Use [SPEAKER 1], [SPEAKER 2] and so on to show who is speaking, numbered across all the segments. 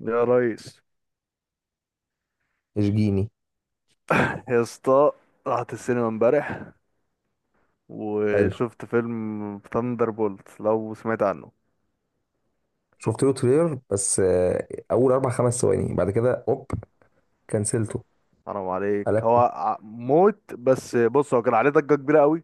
[SPEAKER 1] يا ريس،
[SPEAKER 2] اشجيني.
[SPEAKER 1] يا اسطى. رحت السينما امبارح
[SPEAKER 2] حلو.
[SPEAKER 1] وشفت فيلم ثاندر بولت، لو سمعت عنه.
[SPEAKER 2] شفت له تريلر بس اول اربع خمس ثواني بعد كده اوب كنسلته.
[SPEAKER 1] حرام عليك، هو
[SPEAKER 2] قلبته.
[SPEAKER 1] موت. بس بص، هو كان عليه ضجة كبيرة قوي،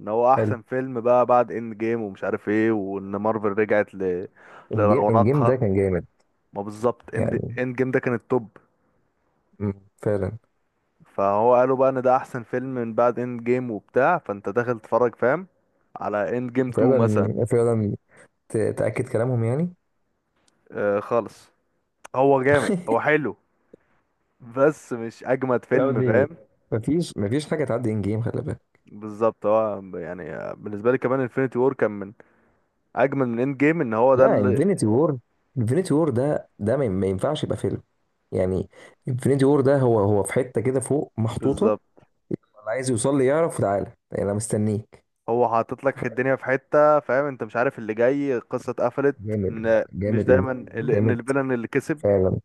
[SPEAKER 1] ان هو
[SPEAKER 2] حلو.
[SPEAKER 1] احسن فيلم بقى بعد اند جيم ومش عارف ايه، وان مارفل رجعت
[SPEAKER 2] ان جيم ده
[SPEAKER 1] لرونقها.
[SPEAKER 2] كان جامد.
[SPEAKER 1] ما بالظبط، اند
[SPEAKER 2] يعني
[SPEAKER 1] جيم ده كان التوب.
[SPEAKER 2] فعلا.
[SPEAKER 1] فهو قالوا بقى ان ده احسن فيلم من بعد اند جيم وبتاع، فانت داخل تتفرج، فاهم، على اند جيم 2 مثلا.
[SPEAKER 2] فعلا فعلا. تاكد كلامهم يعني.
[SPEAKER 1] آه خالص، هو جامد هو حلو، بس مش اجمد
[SPEAKER 2] لا
[SPEAKER 1] فيلم،
[SPEAKER 2] دي
[SPEAKER 1] فاهم.
[SPEAKER 2] مفيش مفيش حاجه تعدي ان جيم خلي بالك.
[SPEAKER 1] بالظبط، هو يعني بالنسبه لي كمان انفينيتي وور كان من اجمل من اند جيم، ان هو ده
[SPEAKER 2] لا
[SPEAKER 1] اللي...
[SPEAKER 2] انفينيتي وور. انفينيتي وور ده ما ينفعش يبقى فيلم يعني. انفينيتي وور ده هو في حته كده فوق محطوطه.
[SPEAKER 1] بالظبط،
[SPEAKER 2] اللي عايز يوصل لي يعرف تعالى يعني انا مستنيك.
[SPEAKER 1] هو حاطط لك الدنيا في حته، فاهم، انت مش عارف اللي جاي، القصه اتقفلت،
[SPEAKER 2] جامد.
[SPEAKER 1] ان مش
[SPEAKER 2] جامد
[SPEAKER 1] دايما
[SPEAKER 2] إمبراطور،
[SPEAKER 1] ان
[SPEAKER 2] جامد.
[SPEAKER 1] الفيلن اللي كسب.
[SPEAKER 2] فعلا.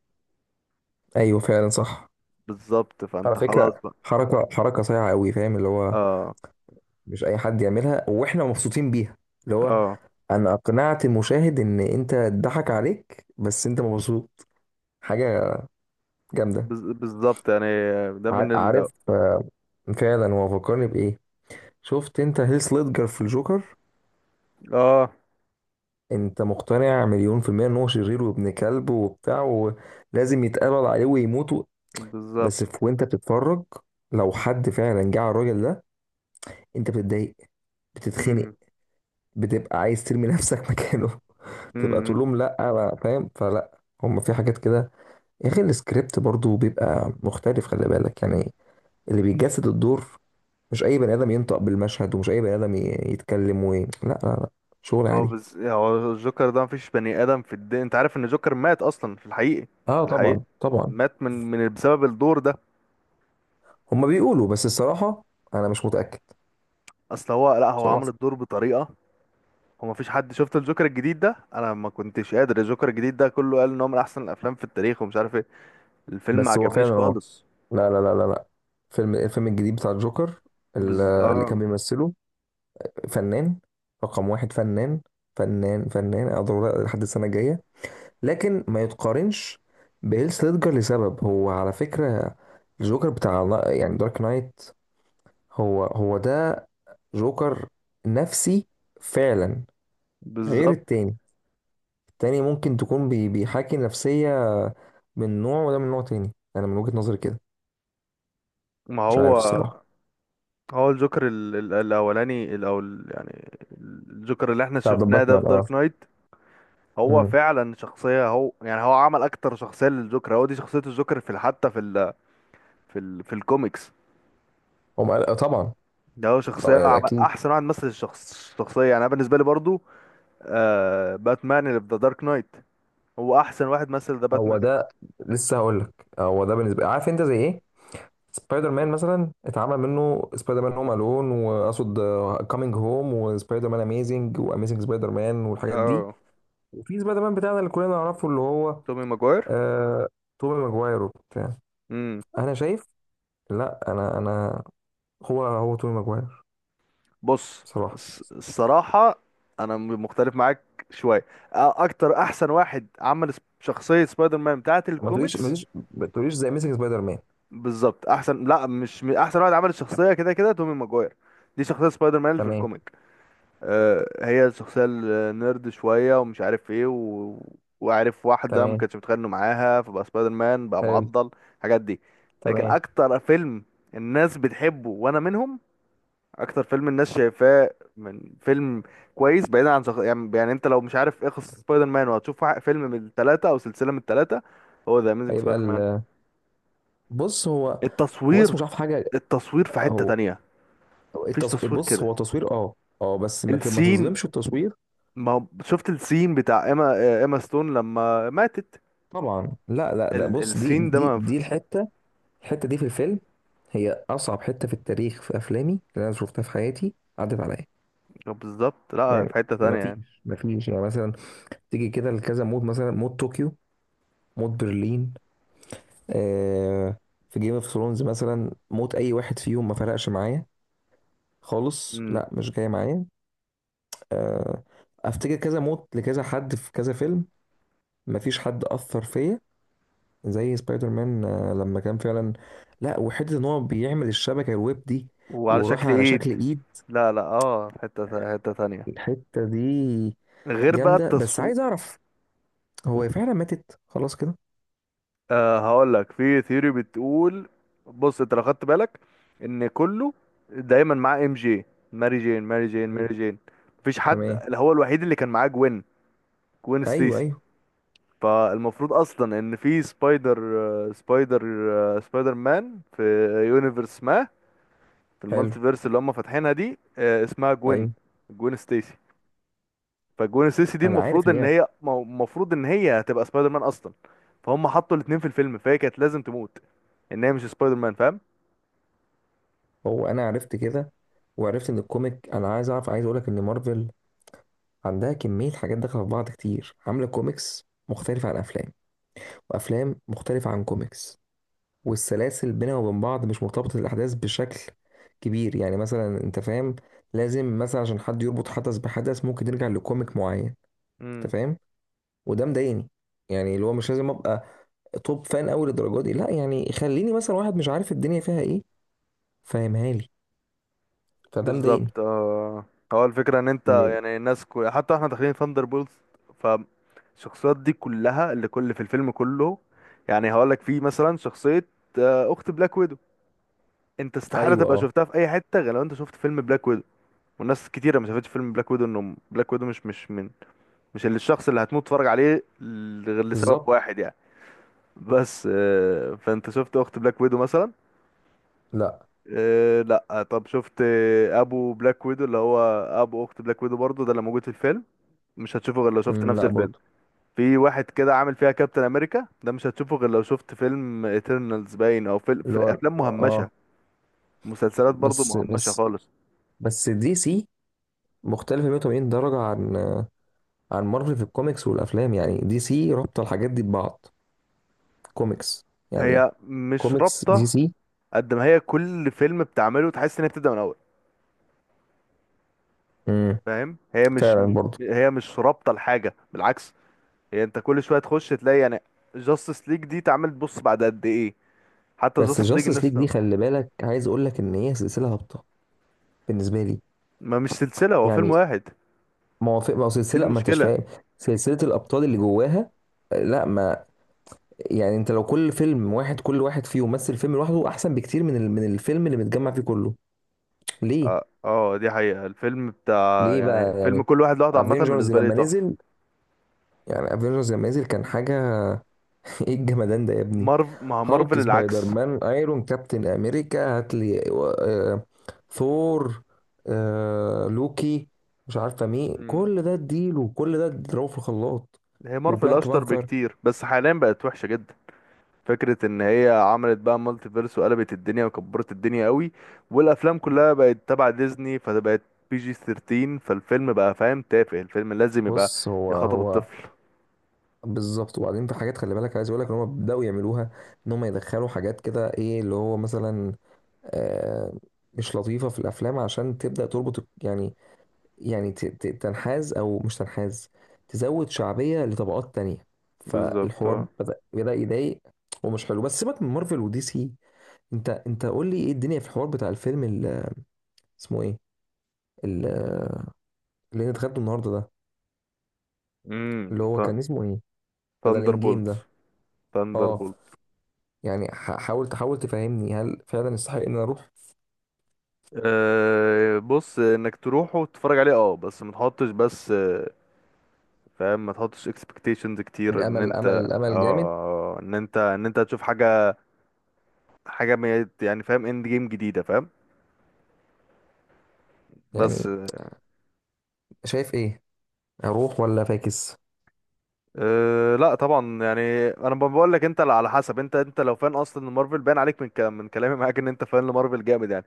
[SPEAKER 2] ايوه فعلا صح.
[SPEAKER 1] بالظبط،
[SPEAKER 2] على
[SPEAKER 1] فانت خلاص
[SPEAKER 2] فكره،
[SPEAKER 1] بقى.
[SPEAKER 2] حركه حركه صايعه قوي فاهم، اللي هو
[SPEAKER 1] اه،
[SPEAKER 2] مش اي حد يعملها واحنا مبسوطين بيها. اللي هو
[SPEAKER 1] اه.
[SPEAKER 2] انا اقنعت المشاهد ان انت اتضحك عليك بس انت مبسوط. حاجه جامده.
[SPEAKER 1] بالظبط يعني، ده من ال...
[SPEAKER 2] عارف فعلا هو فكرني بايه. شفت انت هيث ليدجر في الجوكر؟
[SPEAKER 1] اه،
[SPEAKER 2] انت مقتنع مليون في المية ان هو شرير وابن كلب وبتاع، ولازم يتقبض عليه ويموت. بس
[SPEAKER 1] بالظبط.
[SPEAKER 2] في، وانت بتتفرج، لو حد فعلا جه على الراجل ده انت بتتضايق، بتتخنق، بتبقى عايز ترمي نفسك مكانه. تبقى
[SPEAKER 1] امم
[SPEAKER 2] تقول لهم لا بقى، فاهم؟ فلا هم في حاجات كده يا اخي. السكريبت برضو بيبقى مختلف خلي بالك يعني. اللي بيجسد الدور، مش اي بني ادم ينطق بالمشهد، ومش اي بني ادم يتكلم لا لا لا. شغل
[SPEAKER 1] هو
[SPEAKER 2] عادي.
[SPEAKER 1] بس، هو الجوكر ده مفيش بني ادم في الدنيا. انت عارف ان الجوكر مات اصلا في الحقيقي؟ في
[SPEAKER 2] اه
[SPEAKER 1] الحقيقي
[SPEAKER 2] طبعا طبعا.
[SPEAKER 1] مات من بسبب الدور ده.
[SPEAKER 2] هم بيقولوا بس الصراحة انا مش متأكد.
[SPEAKER 1] اصل هو، لا هو عمل
[SPEAKER 2] صراحة.
[SPEAKER 1] الدور بطريقه، هو مفيش حد. شفت الجوكر الجديد ده؟ انا ما كنتش قادر، الجوكر الجديد ده كله قال ان هو من احسن الافلام في التاريخ ومش عارف ايه، الفيلم ما
[SPEAKER 2] بس هو
[SPEAKER 1] عجبنيش
[SPEAKER 2] فعلا اه.
[SPEAKER 1] خالص.
[SPEAKER 2] لا لا لا لا لا. فيلم الفيلم الجديد بتاع الجوكر، اللي كان
[SPEAKER 1] اه.
[SPEAKER 2] بيمثله فنان. رقم واحد فنان. فنان فنان أقدر لحد السنة الجاية. لكن ما يتقارنش بهيلث ليدجر لسبب. هو على فكرة الجوكر بتاع يعني دارك نايت، هو ده جوكر نفسي فعلا. غير
[SPEAKER 1] بالظبط.
[SPEAKER 2] التاني. التاني ممكن تكون بيحاكي نفسية من نوع، وده من نوع تاني. أنا من وجهة نظري كده.
[SPEAKER 1] ما
[SPEAKER 2] مش عارف
[SPEAKER 1] هو،
[SPEAKER 2] الصراحة.
[SPEAKER 1] هو الجوكر الاولاني، الاول يعني، الجوكر اللي احنا
[SPEAKER 2] بتاع ذا
[SPEAKER 1] شفناه ده في
[SPEAKER 2] باتمان.
[SPEAKER 1] دارك نايت هو
[SPEAKER 2] اه.
[SPEAKER 1] فعلا شخصية، هو يعني هو عمل أكتر شخصية للجوكر، هو دي شخصية الجوكر في حتى في ال في الكوميكس.
[SPEAKER 2] طبعا.
[SPEAKER 1] ده هو
[SPEAKER 2] طبعا
[SPEAKER 1] شخصية،
[SPEAKER 2] يعني
[SPEAKER 1] عمل
[SPEAKER 2] اكيد.
[SPEAKER 1] أحسن واحد مثل الشخصية، يعني أنا بالنسبة لي برضو. آه، باتمان اللي في ذا دارك نايت هو أحسن واحد مثل ذا
[SPEAKER 2] هو
[SPEAKER 1] باتمان.
[SPEAKER 2] ده. لسه هقول لك هو ده بالنسبه. عارف انت زي ايه؟ سبايدر مان مثلا اتعمل منه سبايدر مان هوم الون، واقصد كامينج هوم، وسبايدر مان اميزنج، واميزنج سبايدر مان، والحاجات دي.
[SPEAKER 1] اه،
[SPEAKER 2] وفي سبايدر مان بتاعنا اللي كلنا نعرفه، اللي هو
[SPEAKER 1] تومي ماجواير.
[SPEAKER 2] آه... توبي ماجواير وبتاع.
[SPEAKER 1] امم
[SPEAKER 2] انا شايف. لا انا هو توبي ماجواير.
[SPEAKER 1] بص،
[SPEAKER 2] بصراحه.
[SPEAKER 1] الصراحة أنا مختلف معاك شوية. أكتر، أحسن واحد عمل شخصية سبايدر مان بتاعة
[SPEAKER 2] ما تقوليش ما
[SPEAKER 1] الكوميكس
[SPEAKER 2] تقوليش ما تقوليش زي اميزنج سبايدر مان.
[SPEAKER 1] بالظبط، احسن، لا مش احسن واحد عمل الشخصيه، كده كده تومي ماجواير. دي شخصيه سبايدر مان اللي في
[SPEAKER 2] تمام.
[SPEAKER 1] الكوميك، آه، هي الشخصيه النيرد شويه ومش عارف ايه و... وعارف واحده ما
[SPEAKER 2] تمام.
[SPEAKER 1] كانش متخانق معاها، فبقى سبايدر مان بقى
[SPEAKER 2] حلو.
[SPEAKER 1] معضل الحاجات دي. لكن
[SPEAKER 2] تمام.
[SPEAKER 1] اكتر فيلم الناس بتحبه وانا منهم، اكتر فيلم الناس شايفاه من فيلم كويس، بعيدا عن يعني انت لو مش عارف ايه قصه سبايدر مان وهتشوف فيلم من الثلاثه او سلسله من الثلاثه، هو ذا اميزنج
[SPEAKER 2] هيبقى
[SPEAKER 1] سبايدر مان.
[SPEAKER 2] ال... بص هو. هو
[SPEAKER 1] التصوير،
[SPEAKER 2] اسمه مش عارف حاجه.
[SPEAKER 1] التصوير في حتة
[SPEAKER 2] هو
[SPEAKER 1] تانية، مفيش تصوير
[SPEAKER 2] بص
[SPEAKER 1] كده.
[SPEAKER 2] هو تصوير اه. اه بس ما
[SPEAKER 1] السين،
[SPEAKER 2] تظلمش التصوير.
[SPEAKER 1] ما شفت السين بتاع ايما؟ ايما ستون لما ماتت،
[SPEAKER 2] طبعا لا لا لا. بص دي
[SPEAKER 1] السين ده،
[SPEAKER 2] دي
[SPEAKER 1] ما
[SPEAKER 2] دي الحته. الحته دي في الفيلم هي اصعب حته في التاريخ، في افلامي اللي انا شفتها في حياتي، عدت عليا
[SPEAKER 1] بالظبط، لا في
[SPEAKER 2] يعني.
[SPEAKER 1] حتة
[SPEAKER 2] ما
[SPEAKER 1] تانية يعني.
[SPEAKER 2] فيش ما فيش يعني مثلا تيجي كده لكذا مود، مثلا مود طوكيو، مود برلين آه. في جيم اوف ثرونز مثلا موت اي واحد فيهم ما فرقش معايا خالص.
[SPEAKER 1] امم
[SPEAKER 2] لا مش جاي معايا آه. افتكر كذا موت لكذا حد في كذا فيلم، ما فيش حد اثر فيا زي سبايدر مان لما كان فعلا. لا وحته ان هو بيعمل الشبكه الويب دي
[SPEAKER 1] وعلى
[SPEAKER 2] وراح
[SPEAKER 1] شكل
[SPEAKER 2] على شكل
[SPEAKER 1] ايد،
[SPEAKER 2] ايد.
[SPEAKER 1] لا لا، اه، في حتة تانية،
[SPEAKER 2] الحته دي
[SPEAKER 1] غير بقى
[SPEAKER 2] جامده. بس
[SPEAKER 1] التصوير.
[SPEAKER 2] عايز اعرف، هو هي فعلا ماتت خلاص كده؟
[SPEAKER 1] آه، هقول لك، في ثيوري بتقول، بص، انت لو خدت بالك ان كله دايما معاه ام جي، ماري جين، ماري جين،
[SPEAKER 2] ايوه.
[SPEAKER 1] ماري جين، مفيش حد،
[SPEAKER 2] تمام.
[SPEAKER 1] اللي هو الوحيد اللي كان معاه جوين، جوين
[SPEAKER 2] ايوه
[SPEAKER 1] ستيسي.
[SPEAKER 2] ايوه.
[SPEAKER 1] فالمفروض اصلا ان في سبايدر، سبايدر، سبايدر مان في يونيفرس ما، في
[SPEAKER 2] حلو.
[SPEAKER 1] المالتيفيرس اللي هم فاتحينها دي، اسمها جوين،
[SPEAKER 2] ايوه
[SPEAKER 1] جوين ستيسي. فجوين ستيسي دي
[SPEAKER 2] انا عارف
[SPEAKER 1] المفروض
[SPEAKER 2] ان
[SPEAKER 1] ان
[SPEAKER 2] هي.
[SPEAKER 1] هي المفروض ان هي هتبقى سبايدر مان اصلا، فهم حطوا الاتنين في الفيلم، فهي كانت لازم تموت ان هي مش سبايدر مان.
[SPEAKER 2] هو انا عرفت كده وعرفت ان الكوميك. انا عايز اعرف، عايز اقول لك ان مارفل عندها كميه حاجات داخله في بعض كتير، عامله كوميكس مختلفه عن افلام، وافلام مختلفه عن كوميكس. والسلاسل بينها وبين بعض مش مرتبطة الأحداث بشكل كبير يعني. مثلا أنت فاهم، لازم مثلا عشان حد يربط حدث بحدث ممكن نرجع لكوميك معين. أنت
[SPEAKER 1] فاهم.
[SPEAKER 2] فاهم. وده مضايقني. يعني اللي هو مش لازم أبقى توب فان أوي للدرجة دي. لا يعني خليني مثلا واحد مش عارف الدنيا فيها إيه، فاهمها لي. فده مضايقني.
[SPEAKER 1] بالظبط، اه. هو الفكرة ان انت
[SPEAKER 2] م-
[SPEAKER 1] يعني الناس حتى احنا داخلين ثاندر بولز، فالشخصيات دي كلها اللي كل في الفيلم كله، يعني هقولك في مثلا شخصية، اخت بلاك ويدو، انت استحالة
[SPEAKER 2] أيوه
[SPEAKER 1] تبقى
[SPEAKER 2] أه.
[SPEAKER 1] شفتها في اي حتة غير لو انت شفت فيلم بلاك ويدو. والناس كتيرة ما شافتش فيلم بلاك ويدو، انه بلاك ويدو مش من، مش اللي الشخص اللي هتموت تتفرج عليه غير لسبب
[SPEAKER 2] بالظبط.
[SPEAKER 1] واحد يعني. بس فانت شفت اخت بلاك ويدو مثلا؟
[SPEAKER 2] لا.
[SPEAKER 1] إيه، لا، طب شفت ابو بلاك ويدو اللي هو ابو اخت بلاك ويدو برضه ده اللي موجود في الفيلم؟ مش هتشوفه غير لو شفت نفس
[SPEAKER 2] لا
[SPEAKER 1] الفيلم.
[SPEAKER 2] برضه.
[SPEAKER 1] في واحد كده عامل فيها كابتن امريكا، ده مش هتشوفه غير لو شفت فيلم ايترنالز باين، او في،
[SPEAKER 2] اللي
[SPEAKER 1] في
[SPEAKER 2] هو
[SPEAKER 1] افلام
[SPEAKER 2] أه.
[SPEAKER 1] مهمشه، مسلسلات برضه
[SPEAKER 2] بس
[SPEAKER 1] مهمشه
[SPEAKER 2] بس
[SPEAKER 1] خالص.
[SPEAKER 2] بس دي سي مختلفة 180 درجة عن عن مارفل في الكوميكس والافلام. يعني دي سي رابطه الحاجات دي ببعض. كوميكس يعني.
[SPEAKER 1] هي مش
[SPEAKER 2] كوميكس دي
[SPEAKER 1] رابطه،
[SPEAKER 2] سي.
[SPEAKER 1] قد ما هي كل فيلم بتعمله تحس ان هي بتبدا من الاول.
[SPEAKER 2] امم.
[SPEAKER 1] فاهم، هي مش،
[SPEAKER 2] فعلا برضه.
[SPEAKER 1] هي مش رابطه لحاجه، بالعكس. هي انت كل شويه تخش تلاقي يعني جاستس ليج دي اتعملت، بص، بعد قد ايه، حتى
[SPEAKER 2] بس
[SPEAKER 1] جاستس ليج
[SPEAKER 2] جاستس
[SPEAKER 1] الناس.
[SPEAKER 2] ليج دي خلي بالك، عايز اقول لك ان هي سلسله هابطه بالنسبه لي
[SPEAKER 1] ما مش سلسلة، هو فيلم
[SPEAKER 2] يعني.
[SPEAKER 1] واحد.
[SPEAKER 2] موافق، ما هو
[SPEAKER 1] دي
[SPEAKER 2] سلسله ما انتش
[SPEAKER 1] المشكلة.
[SPEAKER 2] فاهم، سلسله الابطال اللي جواها لا ما. يعني انت لو كل فيلم واحد، كل واحد فيه يمثل فيلم لوحده، احسن بكتير من من الفيلم اللي متجمع فيه كله. ليه؟
[SPEAKER 1] اه، دي حقيقة. الفيلم بتاع
[SPEAKER 2] ليه
[SPEAKER 1] يعني
[SPEAKER 2] بقى
[SPEAKER 1] فيلم
[SPEAKER 2] يعني؟
[SPEAKER 1] كل واحد لوحده، عامة
[SPEAKER 2] افنجرز
[SPEAKER 1] بالنسبة لي
[SPEAKER 2] لما
[SPEAKER 1] تحفة.
[SPEAKER 2] نزل. يعني افنجرز لما نزل كان حاجه. ايه الجمدان ده يا ابني.
[SPEAKER 1] مارف، ما هو
[SPEAKER 2] هالك،
[SPEAKER 1] مارفل
[SPEAKER 2] سبايدر
[SPEAKER 1] العكس.
[SPEAKER 2] مان، ايرون، كابتن امريكا، هاتلي آه، ثور، آه لوكي، مش عارفه مين،
[SPEAKER 1] مم.
[SPEAKER 2] كل ده اديله كل ده اضربه في الخلاط.
[SPEAKER 1] هي مارفل
[SPEAKER 2] وبلانك
[SPEAKER 1] أشطر
[SPEAKER 2] بانثر.
[SPEAKER 1] بكتير، بس حاليا بقت وحشة جدا، فكرة إن هي عملت بقى مالتي فيرس وقلبت الدنيا وكبرت الدنيا قوي، والأفلام كلها بقت تبع ديزني فبقت بي جي 13، فالفيلم بقى فاهم تافه، الفيلم لازم يبقى
[SPEAKER 2] بص هو
[SPEAKER 1] يخاطب
[SPEAKER 2] هو
[SPEAKER 1] الطفل.
[SPEAKER 2] بالظبط. وبعدين في حاجات خلي بالك، عايز اقول لك ان هم بداوا يعملوها. ان هم يدخلوا حاجات كده، ايه اللي هو مثلا آه مش لطيفه في الافلام عشان تبدا تربط يعني. يعني تنحاز او مش تنحاز، تزود شعبيه لطبقات تانية.
[SPEAKER 1] بالظبط،
[SPEAKER 2] فالحوار
[SPEAKER 1] اه.
[SPEAKER 2] بدأ يضايق ومش حلو. بس سيبك من مارفل ودي سي. انت قول لي ايه الدنيا في الحوار بتاع الفيلم اللي اسمه ايه؟ ال- اللي انت خدته النهارده ده، اللي
[SPEAKER 1] امم
[SPEAKER 2] هو كان اسمه ايه؟ بدل
[SPEAKER 1] ثاندر
[SPEAKER 2] ان جيم ده. اه
[SPEAKER 1] بولتس.
[SPEAKER 2] يعني حاول تحاول تفهمني هل فعلا يستحق ان انا اروح.
[SPEAKER 1] أه، بص، انك تروح وتتفرج عليه اه، بس ما تحطش، بس فاهم، ما تحطش expectations كتير ان
[SPEAKER 2] الامل
[SPEAKER 1] انت،
[SPEAKER 2] امل جامد
[SPEAKER 1] اه، ان انت هتشوف حاجه، حاجه يعني فاهم، اند جيم جديده، فاهم، بس.
[SPEAKER 2] يعني. شايف ايه؟ اروح ولا فاكس؟
[SPEAKER 1] أه، لا طبعا، يعني انا بقول لك، انت على حسب، انت لو فان اصلا لمارفل، باين عليك من كلام، من كلامي معاك، ان انت فان لمارفل جامد يعني،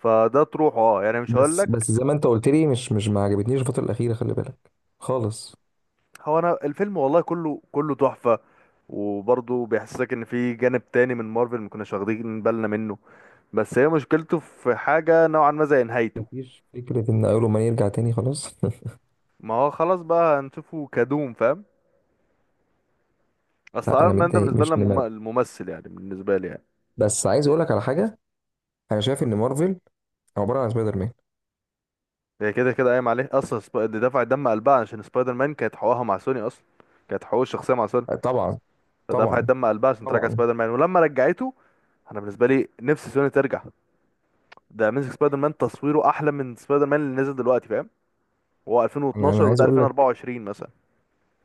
[SPEAKER 1] فده تروح اه، يعني مش هقول
[SPEAKER 2] بس
[SPEAKER 1] لك.
[SPEAKER 2] بس زي ما انت قلت لي مش ما عجبتنيش الفتره الاخيره خلي بالك خالص.
[SPEAKER 1] هو انا الفيلم والله كله، كله تحفه، وبرضه بيحسسك ان في جانب تاني من مارفل ما كناش واخدين بالنا منه، بس هي مشكلته في حاجة نوعا ما زي نهايته.
[SPEAKER 2] مفيش فكرة إن أول ما يرجع تاني خلاص.
[SPEAKER 1] ما هو خلاص بقى، هنشوفه كدوم فاهم. اصل
[SPEAKER 2] لا أنا
[SPEAKER 1] ايرون مان ده
[SPEAKER 2] متضايق
[SPEAKER 1] بالنسبة لنا
[SPEAKER 2] مش نمر.
[SPEAKER 1] الممثل، يعني بالنسبة لي يعني.
[SPEAKER 2] بس عايز أقول لك على حاجة، أنا شايف إن مارفل عبارة عن سبايدر مان.
[SPEAKER 1] هي كده كده قايم عليه اصلا، دي دفعت دم قلبها عشان سبايدر مان، كانت حقوقها مع سوني اصلا، كانت حقوق الشخصية مع سوني،
[SPEAKER 2] طبعا
[SPEAKER 1] فدفعت
[SPEAKER 2] طبعا
[SPEAKER 1] دم قلبها عشان ترجع
[SPEAKER 2] طبعا.
[SPEAKER 1] سبايدر مان، ولما رجعته، انا بالنسبة لي نفسي سوني ترجع، ده اميزنج سبايدر مان تصويره احلى من سبايدر مان اللي نزل دلوقتي، فاهم، هو
[SPEAKER 2] أنا
[SPEAKER 1] 2012
[SPEAKER 2] عايز
[SPEAKER 1] وده
[SPEAKER 2] أقول لك،
[SPEAKER 1] 2024 مثلا.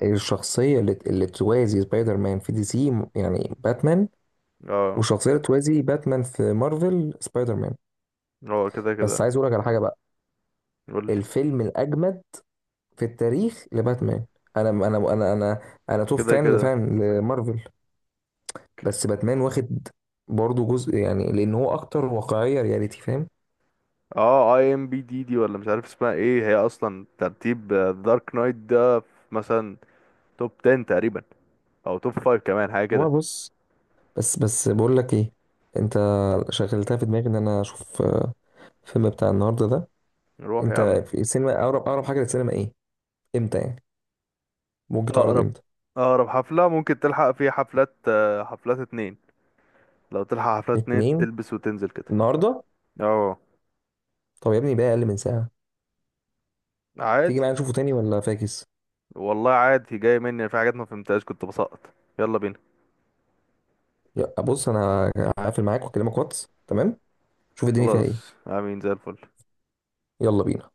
[SPEAKER 2] الشخصية اللي توازي سبايدر مان في دي سي يعني باتمان،
[SPEAKER 1] اه،
[SPEAKER 2] والشخصية اللي توازي باتمان في مارفل سبايدر مان.
[SPEAKER 1] اه، كده
[SPEAKER 2] بس
[SPEAKER 1] كده.
[SPEAKER 2] عايز أقول لك على حاجة بقى.
[SPEAKER 1] قول لي.
[SPEAKER 2] الفيلم الأجمد في التاريخ لباتمان. أنا أنا توب
[SPEAKER 1] كده
[SPEAKER 2] فان
[SPEAKER 1] كده.
[SPEAKER 2] لفان لمارفل، بس باتمان واخد برضه جزء يعني، لان هو اكتر واقعيه رياليتي فاهم.
[SPEAKER 1] اه، اي ام بي دي دي ولا مش عارف اسمها ايه، هي اصلا ترتيب دارك نايت ده في مثلا توب 10 تقريبا، او توب 5 كمان حاجه
[SPEAKER 2] هو
[SPEAKER 1] كده.
[SPEAKER 2] بص. بس بقول لك ايه، انت شغلتها في دماغي ان انا اشوف الفيلم بتاع النهارده ده.
[SPEAKER 1] نروح يا
[SPEAKER 2] انت
[SPEAKER 1] عم.
[SPEAKER 2] في السينما، اقرب اقرب حاجه للسينما ايه؟ امتى يعني ممكن تعرض
[SPEAKER 1] اقرب،
[SPEAKER 2] امتى؟
[SPEAKER 1] اقرب حفله ممكن تلحق فيها حفلات، حفلات اتنين، لو تلحق حفلات اتنين،
[SPEAKER 2] اتنين.
[SPEAKER 1] تلبس وتنزل كده.
[SPEAKER 2] النهارده.
[SPEAKER 1] اه،
[SPEAKER 2] طب يا ابني بقى اقل من ساعه، تيجي
[SPEAKER 1] عادي.
[SPEAKER 2] معايا نشوفه تاني ولا فاكس؟
[SPEAKER 1] والله عادي، جاي مني في حاجات ما فهمتهاش كنت بسقط. يلا بينا.
[SPEAKER 2] بص انا هقفل معاك واكلمك واتس تمام. شوف الدنيا فيها ايه.
[SPEAKER 1] خلاص، عاملين زي الفل.
[SPEAKER 2] يلا بينا.